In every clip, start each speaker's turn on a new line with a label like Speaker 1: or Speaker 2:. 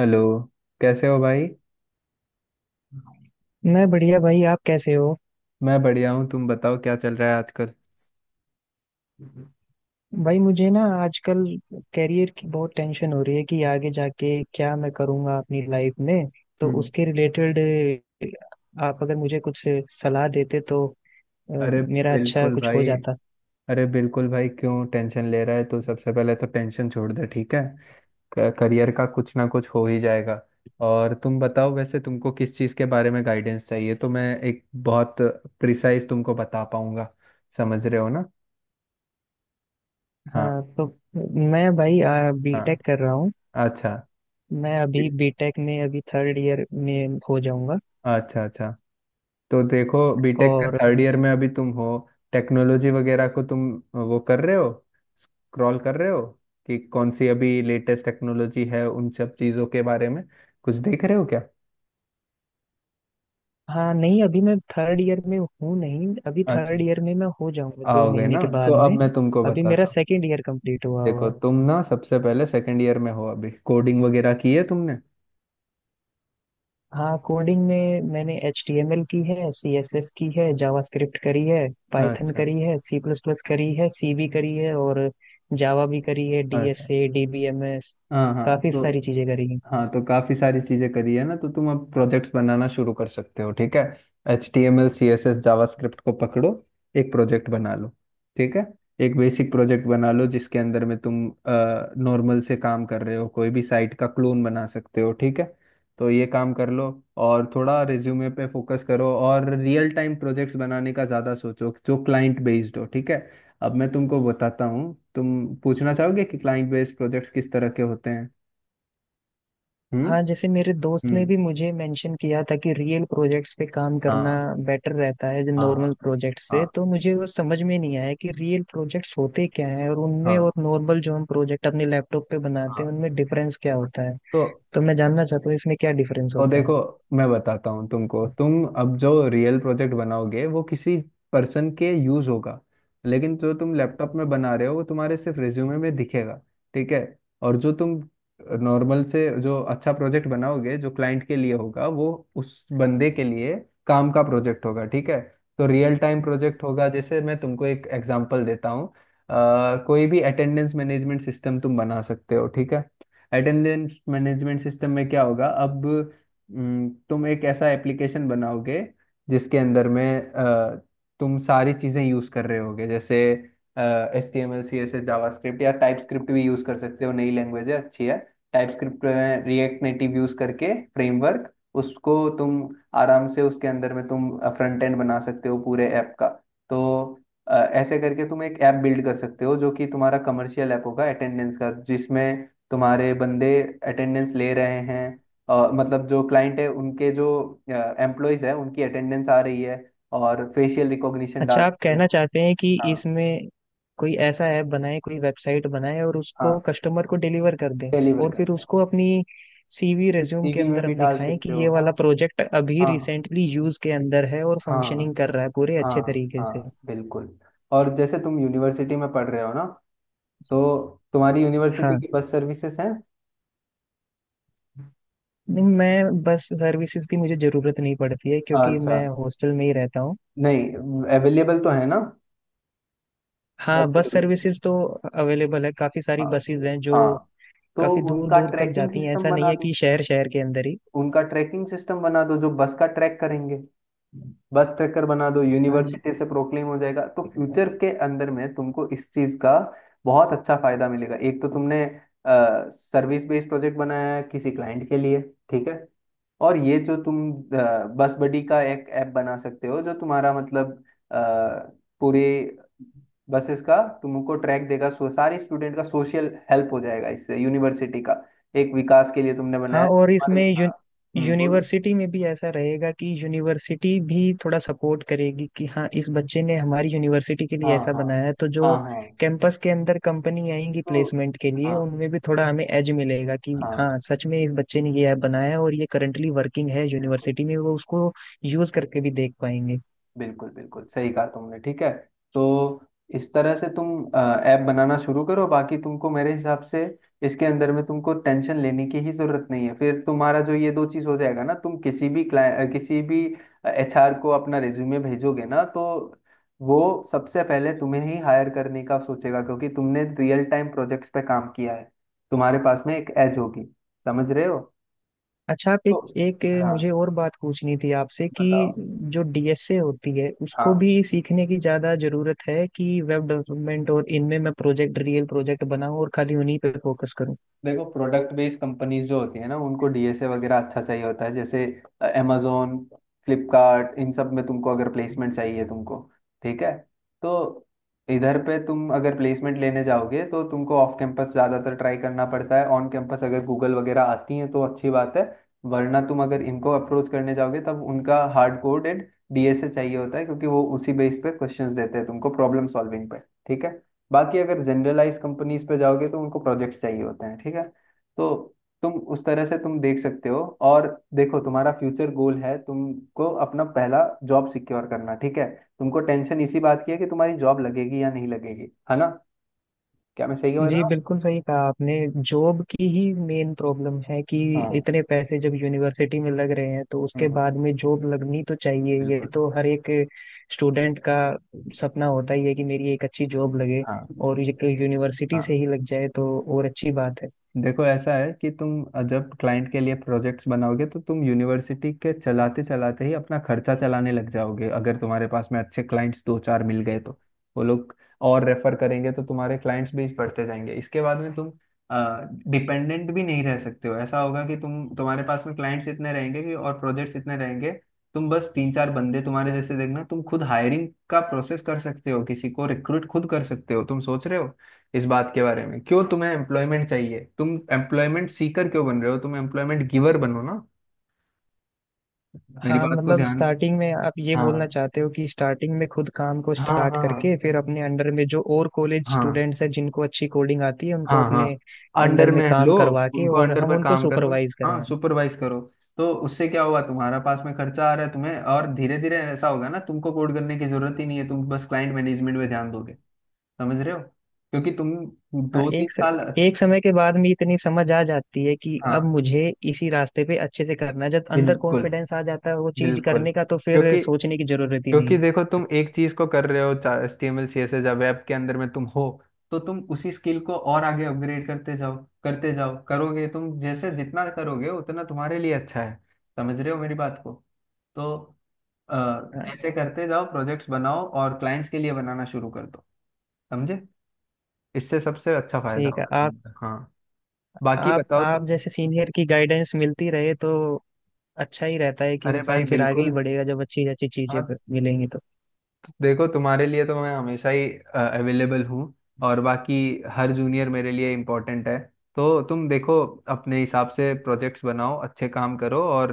Speaker 1: Hello. कैसे हो भाई।
Speaker 2: मैं बढ़िया भाई। आप कैसे हो?
Speaker 1: मैं बढ़िया हूँ, तुम बताओ क्या चल रहा है आजकल।
Speaker 2: भाई, मुझे ना आजकल करियर की बहुत टेंशन हो रही है कि आगे जाके क्या मैं करूँगा अपनी लाइफ में। तो
Speaker 1: हम्म।
Speaker 2: उसके रिलेटेड आप अगर मुझे कुछ सलाह देते तो अ,
Speaker 1: अरे
Speaker 2: मेरा अच्छा
Speaker 1: बिल्कुल
Speaker 2: कुछ हो
Speaker 1: भाई।
Speaker 2: जाता।
Speaker 1: अरे बिल्कुल भाई, क्यों टेंशन ले रहा है। तो सबसे पहले तो टेंशन छोड़ दे, ठीक है। करियर का कुछ ना कुछ हो ही जाएगा। और तुम बताओ वैसे तुमको किस चीज़ के बारे में गाइडेंस चाहिए तो मैं एक बहुत प्रिसाइज तुमको बता पाऊंगा। समझ रहे हो ना। हाँ।
Speaker 2: हाँ, तो मैं भाई
Speaker 1: हाँ,
Speaker 2: बीटेक कर रहा हूँ।
Speaker 1: अच्छा
Speaker 2: मैं अभी बीटेक में अभी थर्ड ईयर में हो जाऊंगा।
Speaker 1: अच्छा। अच्छा, तो देखो बीटेक के
Speaker 2: और
Speaker 1: थर्ड ईयर में अभी तुम हो। टेक्नोलॉजी वगैरह को तुम वो कर रहे हो, स्क्रॉल कर रहे हो कि कौन सी अभी लेटेस्ट टेक्नोलॉजी है उन सब चीज़ों के बारे में कुछ देख रहे हो क्या।
Speaker 2: हाँ, नहीं अभी मैं थर्ड ईयर में हूँ, नहीं अभी
Speaker 1: अच्छा,
Speaker 2: थर्ड ईयर में मैं हो जाऊंगा दो
Speaker 1: आओगे
Speaker 2: महीने
Speaker 1: ना
Speaker 2: के
Speaker 1: तो
Speaker 2: बाद
Speaker 1: अब
Speaker 2: में।
Speaker 1: मैं तुमको
Speaker 2: अभी मेरा
Speaker 1: बताता हूँ।
Speaker 2: सेकेंड ईयर कंप्लीट हुआ हुआ
Speaker 1: देखो
Speaker 2: है।
Speaker 1: तुम ना सबसे पहले सेकंड ईयर में हो अभी, कोडिंग वगैरह की है तुमने।
Speaker 2: हाँ, कोडिंग में मैंने HTML की है, CSS की है, जावास्क्रिप्ट करी है, पाइथन
Speaker 1: अच्छा।
Speaker 2: करी है, सी प्लस प्लस करी है, सी भी करी है, और जावा भी करी है, डी
Speaker 1: अच्छा।
Speaker 2: एस ए DBMS,
Speaker 1: हाँ हाँ,
Speaker 2: काफी
Speaker 1: तो
Speaker 2: सारी चीजें करी।
Speaker 1: हाँ तो काफी सारी चीजें करी है ना, तो तुम अब प्रोजेक्ट्स बनाना शुरू कर सकते हो, ठीक है। H T M L CSS JavaScript को पकड़ो, एक प्रोजेक्ट बना लो, ठीक है। एक बेसिक प्रोजेक्ट बना लो जिसके अंदर में तुम नॉर्मल से काम कर रहे हो, कोई भी साइट का क्लोन बना सकते हो, ठीक है। तो ये काम कर लो, और थोड़ा रिज्यूमे पे फोकस करो और रियल टाइम प्रोजेक्ट्स बनाने का ज़्यादा सोचो जो क्लाइंट बेस्ड हो, ठीक है। अब मैं तुमको बताता हूँ, तुम पूछना चाहोगे कि क्लाइंट बेस्ड प्रोजेक्ट्स किस तरह के होते हैं।
Speaker 2: हाँ, जैसे मेरे दोस्त ने
Speaker 1: हम्म।
Speaker 2: भी मुझे मेंशन किया था कि रियल प्रोजेक्ट्स पे काम करना
Speaker 1: हाँ।
Speaker 2: बेटर रहता है जो नॉर्मल
Speaker 1: हाँ।
Speaker 2: प्रोजेक्ट्स से,
Speaker 1: हाँ।
Speaker 2: तो मुझे वो समझ में नहीं आया कि रियल प्रोजेक्ट्स होते क्या हैं और उनमें
Speaker 1: हाँ।
Speaker 2: और नॉर्मल जो हम प्रोजेक्ट अपने लैपटॉप पे
Speaker 1: हाँ।
Speaker 2: बनाते
Speaker 1: हाँ।
Speaker 2: हैं उनमें डिफरेंस क्या होता है।
Speaker 1: तो
Speaker 2: तो मैं जानना चाहता हूँ इसमें क्या डिफरेंस
Speaker 1: और
Speaker 2: होता
Speaker 1: देखो, मैं बताता हूँ तुमको, तुम अब जो रियल प्रोजेक्ट बनाओगे वो किसी पर्सन के यूज होगा। लेकिन जो तुम लैपटॉप में बना रहे हो वो तुम्हारे सिर्फ रिज्यूमे में दिखेगा, ठीक है। और जो तुम नॉर्मल से जो अच्छा प्रोजेक्ट बनाओगे जो क्लाइंट के लिए होगा वो उस बंदे के लिए काम का प्रोजेक्ट होगा, ठीक है। तो रियल टाइम प्रोजेक्ट
Speaker 2: है।
Speaker 1: होगा, जैसे मैं तुमको एक एग्जांपल देता हूँ। कोई भी अटेंडेंस मैनेजमेंट सिस्टम तुम बना सकते हो, ठीक है। अटेंडेंस मैनेजमेंट सिस्टम में क्या होगा अब। तुम एक ऐसा एप्लीकेशन बनाओगे जिसके अंदर में तुम सारी चीज़ें यूज़ कर रहे होगे, जैसे HTML सी एस एस जावा स्क्रिप्ट या टाइप स्क्रिप्ट भी यूज़ कर सकते हो, नई लैंग्वेज है अच्छी है। टाइप स्क्रिप्ट में रिएक्ट नेटिव यूज़ करके फ्रेमवर्क, उसको तुम आराम से उसके अंदर में तुम फ्रंट एंड बना सकते हो पूरे ऐप का। तो ऐसे करके तुम एक ऐप बिल्ड कर सकते हो जो कि तुम्हारा कमर्शियल ऐप होगा अटेंडेंस का, जिसमें तुम्हारे बंदे अटेंडेंस ले रहे हैं। मतलब जो क्लाइंट है उनके जो एम्प्लॉयज है उनकी अटेंडेंस आ रही है, और फेशियल रिकॉग्निशन डाल
Speaker 2: अच्छा, आप
Speaker 1: सकते
Speaker 2: कहना
Speaker 1: हो।
Speaker 2: चाहते हैं कि
Speaker 1: हाँ।
Speaker 2: इसमें कोई ऐसा ऐप बनाए, कोई वेबसाइट बनाए और उसको
Speaker 1: हाँ,
Speaker 2: कस्टमर को डिलीवर कर दें,
Speaker 1: डिलीवर
Speaker 2: और फिर
Speaker 1: करते हैं।
Speaker 2: उसको अपनी CV रिज्यूम के
Speaker 1: सीवी में
Speaker 2: अंदर
Speaker 1: भी
Speaker 2: हम
Speaker 1: डाल
Speaker 2: दिखाएं कि
Speaker 1: सकते हो,
Speaker 2: ये
Speaker 1: हाँ।
Speaker 2: वाला प्रोजेक्ट अभी
Speaker 1: हाँ।
Speaker 2: रिसेंटली यूज के अंदर है और
Speaker 1: हाँ।
Speaker 2: फंक्शनिंग कर रहा है पूरे अच्छे
Speaker 1: हाँ।
Speaker 2: तरीके से।
Speaker 1: हाँ बिल्कुल। और जैसे तुम यूनिवर्सिटी में पढ़ रहे हो ना, तो तुम्हारी यूनिवर्सिटी
Speaker 2: हाँ,
Speaker 1: की बस सर्विसेज हैं।
Speaker 2: नहीं मैं बस सर्विसेज की मुझे ज़रूरत नहीं पड़ती है क्योंकि
Speaker 1: अच्छा।
Speaker 2: मैं हॉस्टल में ही रहता हूँ।
Speaker 1: नहीं, अवेलेबल तो है ना। बस
Speaker 2: हाँ, बस
Speaker 1: सर्विस।
Speaker 2: सर्विसेज तो अवेलेबल है, काफ़ी सारी
Speaker 1: हाँ।
Speaker 2: बसेज हैं जो
Speaker 1: हाँ, तो
Speaker 2: काफ़ी दूर
Speaker 1: उनका
Speaker 2: दूर तक
Speaker 1: ट्रैकिंग
Speaker 2: जाती हैं,
Speaker 1: सिस्टम
Speaker 2: ऐसा नहीं
Speaker 1: बना
Speaker 2: है कि
Speaker 1: दो।
Speaker 2: शहर शहर के अंदर ही।
Speaker 1: उनका ट्रैकिंग सिस्टम बना दो जो बस का ट्रैक करेंगे। बस ट्रैकर बना दो,
Speaker 2: हाँ,
Speaker 1: यूनिवर्सिटी से प्रोक्लेम हो जाएगा, तो फ्यूचर के अंदर में तुमको इस चीज का बहुत अच्छा फायदा मिलेगा। एक तो तुमने सर्विस बेस्ड प्रोजेक्ट बनाया है किसी क्लाइंट के लिए, ठीक है। और ये जो तुम बस बडी का एक ऐप बना सकते हो जो तुम्हारा मतलब अ, पूरे बसेस का तुमको ट्रैक देगा, सो सारे स्टूडेंट का सोशल हेल्प हो जाएगा, इससे यूनिवर्सिटी का एक विकास के लिए तुमने बनाया,
Speaker 2: हाँ, और
Speaker 1: तुम्हारे,
Speaker 2: इसमें
Speaker 1: हाँ। बोलो।
Speaker 2: यूनिवर्सिटी में भी ऐसा रहेगा कि यूनिवर्सिटी भी थोड़ा सपोर्ट करेगी कि हाँ, इस बच्चे ने हमारी यूनिवर्सिटी के
Speaker 1: हाँ।
Speaker 2: लिए ऐसा
Speaker 1: हाँ।
Speaker 2: बनाया है, तो
Speaker 1: हाँ।
Speaker 2: जो
Speaker 1: हाँ।
Speaker 2: कैंपस के अंदर कंपनी आएंगी
Speaker 1: तो
Speaker 2: प्लेसमेंट के लिए,
Speaker 1: हाँ
Speaker 2: उनमें भी थोड़ा हमें एज मिलेगा कि
Speaker 1: हाँ,
Speaker 2: हाँ, सच में इस बच्चे ने ये ऐप बनाया है और ये करंटली वर्किंग है
Speaker 1: बिल्कुल।
Speaker 2: यूनिवर्सिटी में, वो उसको यूज करके भी देख पाएंगे।
Speaker 1: बिल्कुल बिल्कुल सही कहा तुमने, ठीक है। तो इस तरह से तुम ऐप बनाना शुरू करो। बाकी तुमको मेरे हिसाब से इसके अंदर में तुमको टेंशन लेने की ही जरूरत नहीं है, फिर तुम्हारा जो ये दो चीज हो जाएगा ना, तुम किसी भी क्लाइंट, किसी भी HR को अपना रिज्यूमे भेजोगे ना तो वो सबसे पहले तुम्हें ही हायर करने का सोचेगा, क्योंकि तुमने रियल टाइम प्रोजेक्ट्स पे काम किया है, तुम्हारे पास में एक एज होगी। समझ रहे हो।
Speaker 2: अच्छा, आप
Speaker 1: तो
Speaker 2: एक एक
Speaker 1: हाँ,
Speaker 2: मुझे और बात पूछनी थी आपसे कि
Speaker 1: बताओ।
Speaker 2: जो DSA होती है उसको
Speaker 1: हाँ।
Speaker 2: भी सीखने की ज्यादा जरूरत है कि वेब डेवलपमेंट, और इनमें मैं प्रोजेक्ट रियल प्रोजेक्ट बनाऊं और खाली उन्हीं पे फोकस करूं।
Speaker 1: देखो प्रोडक्ट बेस्ड कंपनीज जो होती है ना, उनको DSA वगैरह अच्छा चाहिए होता है, जैसे amazon, फ्लिपकार्ट, इन सब में तुमको अगर प्लेसमेंट चाहिए तुमको, ठीक है। तो इधर पे तुम अगर प्लेसमेंट लेने जाओगे तो तुमको ऑफ कैंपस ज़्यादातर ट्राई करना पड़ता है, ऑन कैंपस अगर गूगल वगैरह आती हैं तो अच्छी बात है, वरना तुम अगर इनको अप्रोच करने जाओगे तब उनका हार्ड कोडेड DSA चाहिए होता है, क्योंकि वो उसी बेस पे क्वेश्चंस देते हैं तुमको, प्रॉब्लम सॉल्विंग पे, ठीक है। बाकी अगर जनरलाइज कंपनीज पे जाओगे तो उनको प्रोजेक्ट्स चाहिए होते हैं, ठीक है। तो तुम उस तरह से तुम देख सकते हो। और देखो तुम्हारा फ्यूचर गोल है तुमको अपना पहला जॉब सिक्योर करना, ठीक है। तुमको टेंशन इसी बात की है कि तुम्हारी जॉब लगेगी या नहीं लगेगी, है ना। क्या मैं सही हो
Speaker 2: जी,
Speaker 1: रहा हूँ।
Speaker 2: बिल्कुल सही कहा आपने, जॉब की ही मेन प्रॉब्लम है कि
Speaker 1: हाँ।
Speaker 2: इतने पैसे जब यूनिवर्सिटी में लग रहे हैं तो
Speaker 1: हम्म।
Speaker 2: उसके
Speaker 1: हम्म।
Speaker 2: बाद में जॉब लगनी तो चाहिए, ये
Speaker 1: बिल्कुल।
Speaker 2: तो हर एक स्टूडेंट का सपना होता ही है कि मेरी एक अच्छी जॉब लगे,
Speaker 1: हाँ।
Speaker 2: और यूनिवर्सिटी से
Speaker 1: हाँ।
Speaker 2: ही लग जाए तो और अच्छी बात है।
Speaker 1: देखो ऐसा है कि तुम जब क्लाइंट के लिए प्रोजेक्ट्स बनाओगे तो तुम यूनिवर्सिटी के चलाते चलाते ही अपना खर्चा चलाने लग जाओगे, अगर तुम्हारे पास में अच्छे क्लाइंट्स दो चार मिल गए तो वो लोग और रेफर करेंगे, तो तुम्हारे क्लाइंट्स भी बढ़ते जाएंगे। इसके बाद में तुम डिपेंडेंट भी नहीं रह सकते हो, ऐसा होगा कि तुम तुम्हारे पास में क्लाइंट्स इतने रहेंगे कि, और प्रोजेक्ट्स इतने रहेंगे, तुम बस तीन चार बंदे तुम्हारे जैसे देखना, तुम खुद हायरिंग का प्रोसेस कर सकते हो, किसी को रिक्रूट खुद कर सकते हो। तुम सोच रहे हो इस बात के बारे में, क्यों तुम्हें एम्प्लॉयमेंट चाहिए, तुम एम्प्लॉयमेंट सीकर क्यों बन रहे हो, तुम एम्प्लॉयमेंट गिवर बनो ना। मेरी
Speaker 2: हाँ,
Speaker 1: बात को
Speaker 2: मतलब
Speaker 1: ध्यान।
Speaker 2: स्टार्टिंग में आप ये बोलना
Speaker 1: हाँ।
Speaker 2: चाहते हो कि स्टार्टिंग में खुद काम को
Speaker 1: हाँ।
Speaker 2: स्टार्ट
Speaker 1: हाँ।
Speaker 2: करके फिर अपने अंडर में जो और कॉलेज
Speaker 1: हाँ।
Speaker 2: स्टूडेंट्स हैं जिनको अच्छी कोडिंग आती है उनको
Speaker 1: हाँ। हाँ,
Speaker 2: अपने
Speaker 1: अंडर
Speaker 2: अंडर में
Speaker 1: में
Speaker 2: काम
Speaker 1: लो।
Speaker 2: करवा के
Speaker 1: उनको
Speaker 2: और
Speaker 1: अंडर
Speaker 2: हम
Speaker 1: पर
Speaker 2: उनको
Speaker 1: काम करो,
Speaker 2: सुपरवाइज
Speaker 1: हाँ
Speaker 2: करवाएं।
Speaker 1: सुपरवाइज करो। तो उससे क्या हुआ, तुम्हारा पास में खर्चा आ रहा है तुम्हें, और धीरे धीरे ऐसा होगा ना, तुमको कोड करने की जरूरत ही नहीं है, तुम बस क्लाइंट मैनेजमेंट पे ध्यान दोगे। समझ रहे हो, क्योंकि तुम
Speaker 2: हाँ,
Speaker 1: दो तीन साल।
Speaker 2: एक समय के बाद में इतनी समझ आ जाती है कि अब
Speaker 1: हाँ
Speaker 2: मुझे इसी रास्ते पे अच्छे से करना है, जब अंदर
Speaker 1: बिल्कुल।
Speaker 2: कॉन्फिडेंस आ जाता है वो चीज
Speaker 1: बिल्कुल।
Speaker 2: करने का, तो फिर
Speaker 1: क्योंकि
Speaker 2: सोचने की जरूरत ही नहीं।
Speaker 1: क्योंकि देखो, तुम एक चीज को कर रहे हो, H T M L C S S या वेब के अंदर में तुम हो, तो तुम उसी स्किल को और आगे अपग्रेड करते जाओ, करते जाओ करोगे तुम, जैसे जितना करोगे उतना तुम्हारे लिए अच्छा है। समझ रहे हो मेरी बात को। तो अ,
Speaker 2: हाँ,
Speaker 1: ऐसे करते जाओ, प्रोजेक्ट्स बनाओ और क्लाइंट्स के लिए बनाना शुरू कर दो, समझे। इससे सबसे अच्छा फायदा
Speaker 2: ठीक है।
Speaker 1: होगा
Speaker 2: आप
Speaker 1: तुम्हारा, हाँ। बाकी
Speaker 2: आप
Speaker 1: बताओ
Speaker 2: आप
Speaker 1: तुम।
Speaker 2: जैसे सीनियर की गाइडेंस मिलती रहे तो अच्छा ही रहता है कि
Speaker 1: अरे भाई
Speaker 2: इंसान फिर आगे ही
Speaker 1: बिल्कुल।
Speaker 2: बढ़ेगा जब अच्छी अच्छी चीजें
Speaker 1: हाँ।
Speaker 2: मिलेंगी तो।
Speaker 1: देखो तुम्हारे लिए तो मैं हमेशा ही अवेलेबल हूँ, और बाकी हर जूनियर मेरे लिए इम्पोर्टेंट है। तो तुम देखो अपने हिसाब से प्रोजेक्ट्स बनाओ, अच्छे काम करो, और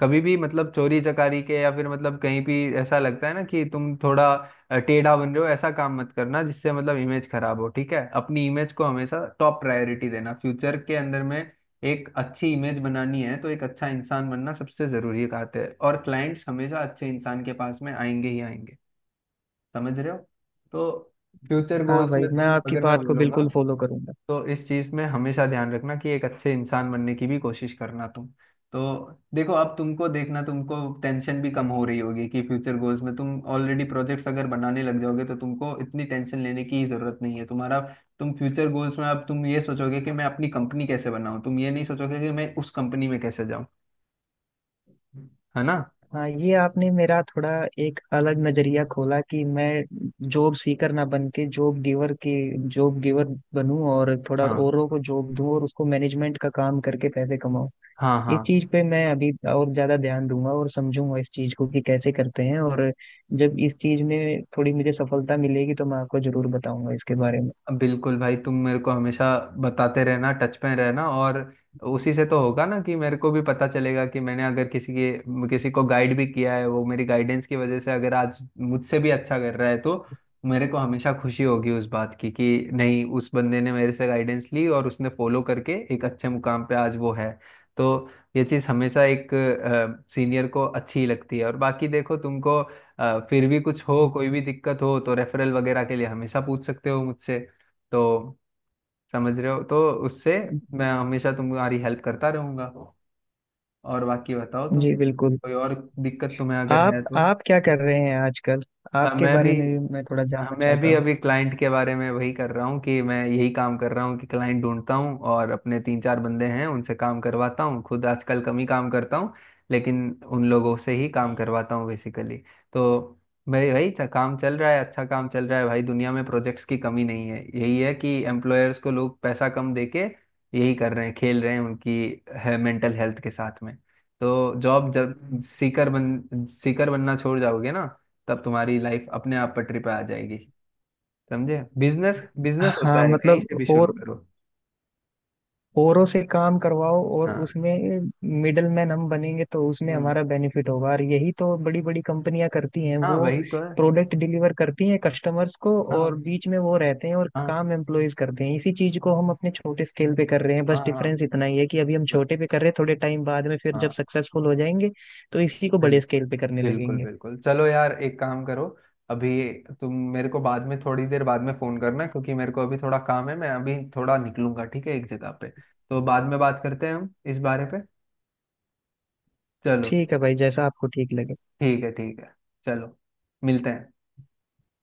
Speaker 1: कभी भी मतलब चोरी चकारी के या फिर मतलब कहीं भी ऐसा लगता है ना कि तुम थोड़ा टेढ़ा बन रहे हो, ऐसा काम मत करना जिससे मतलब इमेज खराब हो, ठीक है। अपनी इमेज को हमेशा टॉप प्रायोरिटी देना, फ्यूचर के अंदर में एक अच्छी इमेज बनानी है तो एक अच्छा इंसान बनना सबसे जरूरी बात है, और क्लाइंट्स हमेशा अच्छे इंसान के पास में आएंगे ही आएंगे। समझ रहे हो। तो फ्यूचर
Speaker 2: हाँ
Speaker 1: गोल्स
Speaker 2: भाई,
Speaker 1: में
Speaker 2: मैं
Speaker 1: तुम,
Speaker 2: आपकी
Speaker 1: अगर मैं
Speaker 2: बात को
Speaker 1: बोलूंगा
Speaker 2: बिल्कुल फॉलो करूंगा।
Speaker 1: तो इस चीज में हमेशा ध्यान रखना कि एक अच्छे इंसान बनने की भी कोशिश करना तुम। तो देखो अब तुमको देखना, तुमको टेंशन भी कम हो रही होगी कि फ्यूचर गोल्स में तुम ऑलरेडी प्रोजेक्ट्स अगर बनाने लग जाओगे तो तुमको इतनी टेंशन लेने की जरूरत नहीं है तुम्हारा। तुम फ्यूचर गोल्स में अब तुम ये सोचोगे कि मैं अपनी कंपनी कैसे बनाऊं, तुम ये नहीं सोचोगे कि मैं उस कंपनी में कैसे जाऊं, है ना।
Speaker 2: हाँ, ये आपने मेरा थोड़ा एक अलग नजरिया खोला कि मैं जॉब सीकर ना बन के जॉब गिवर की, जॉब गिवर बनूं और थोड़ा
Speaker 1: हाँ।
Speaker 2: औरों को जॉब दूं और उसको मैनेजमेंट का काम करके पैसे कमाऊं।
Speaker 1: हाँ। हाँ
Speaker 2: इस चीज पे मैं अभी और ज्यादा ध्यान दूंगा और समझूंगा इस चीज को कि कैसे करते हैं, और जब इस चीज में थोड़ी मुझे सफलता मिलेगी तो मैं आपको जरूर बताऊंगा इसके बारे
Speaker 1: बिल्कुल भाई, तुम मेरे को हमेशा बताते रहना, टच में रहना, और उसी से तो होगा ना कि मेरे को भी पता चलेगा कि मैंने अगर किसी के किसी को गाइड भी किया है, वो मेरी गाइडेंस की वजह से अगर आज मुझसे भी अच्छा कर रहा है, तो मेरे को हमेशा खुशी होगी उस बात की कि नहीं उस बंदे ने मेरे से गाइडेंस ली और उसने फॉलो करके एक अच्छे मुकाम पे आज वो है। तो ये चीज़ हमेशा एक सीनियर को अच्छी ही लगती है, और बाकी देखो तुमको फिर भी कुछ हो,
Speaker 2: में।
Speaker 1: कोई भी दिक्कत हो तो रेफरल वगैरह के लिए हमेशा पूछ सकते हो मुझसे। तो समझ रहे हो, तो उससे मैं हमेशा तुम्हारी हेल्प करता रहूंगा। और बाकी बताओ तुम,
Speaker 2: जी, बिल्कुल।
Speaker 1: कोई और दिक्कत तुम्हें अगर है
Speaker 2: आप
Speaker 1: तो।
Speaker 2: आप क्या कर रहे हैं आजकल? आपके
Speaker 1: मैं भी,
Speaker 2: बारे में भी मैं थोड़ा
Speaker 1: हाँ,
Speaker 2: जानना
Speaker 1: मैं
Speaker 2: चाहता
Speaker 1: भी
Speaker 2: हूँ।
Speaker 1: अभी क्लाइंट के बारे में वही कर रहा हूँ कि मैं यही काम कर रहा हूँ कि क्लाइंट ढूंढता हूँ, और अपने तीन चार बंदे हैं उनसे काम करवाता हूँ, खुद आजकल कम ही काम करता हूँ, लेकिन उन लोगों से ही काम करवाता हूँ बेसिकली। तो भाई भाई, काम चल रहा है, अच्छा काम चल रहा है भाई, दुनिया में प्रोजेक्ट्स की कमी नहीं है, यही है कि एम्प्लॉयर्स को लोग पैसा कम देके यही कर रहे हैं, खेल रहे हैं उनकी, है, मेंटल हेल्थ के साथ में। तो जॉब जब सीकर बनना छोड़ जाओगे ना, तब तुम्हारी लाइफ अपने आप पटरी पे आ जाएगी, समझे। बिजनेस, बिजनेस होता
Speaker 2: हाँ,
Speaker 1: है कहीं से
Speaker 2: मतलब,
Speaker 1: भी शुरू
Speaker 2: और
Speaker 1: करो।
Speaker 2: औरों से काम करवाओ और
Speaker 1: हाँ।
Speaker 2: उसमें मिडल मैन हम बनेंगे तो उसमें
Speaker 1: हम्म।
Speaker 2: हमारा बेनिफिट होगा, और यही तो बड़ी बड़ी कंपनियां करती हैं,
Speaker 1: हाँ
Speaker 2: वो
Speaker 1: वही तो है।
Speaker 2: प्रोडक्ट डिलीवर करती हैं कस्टमर्स को
Speaker 1: हाँ।
Speaker 2: और बीच में वो रहते हैं और
Speaker 1: हाँ।
Speaker 2: काम एम्प्लॉयज करते हैं। इसी चीज को हम अपने छोटे स्केल पे कर रहे हैं, बस
Speaker 1: हाँ। हाँ।
Speaker 2: डिफरेंस इतना ही है कि अभी हम
Speaker 1: बस।
Speaker 2: छोटे पे कर रहे हैं, थोड़े टाइम बाद में फिर जब
Speaker 1: हाँ।
Speaker 2: सक्सेसफुल हो जाएंगे तो इसी को बड़े
Speaker 1: बिल्कुल।
Speaker 2: स्केल पे करने
Speaker 1: बिल्कुल
Speaker 2: लगेंगे।
Speaker 1: बिल्कुल, चलो यार, एक काम करो, अभी तुम मेरे को बाद में, थोड़ी देर बाद में फोन करना, क्योंकि मेरे को अभी थोड़ा काम है, मैं अभी थोड़ा निकलूंगा, ठीक है, एक जगह पे। तो बाद में बात करते हैं हम इस बारे पे। चलो।
Speaker 2: ठीक है भाई, जैसा आपको ठीक लगे।
Speaker 1: ठीक है, ठीक है। चलो, मिलते हैं।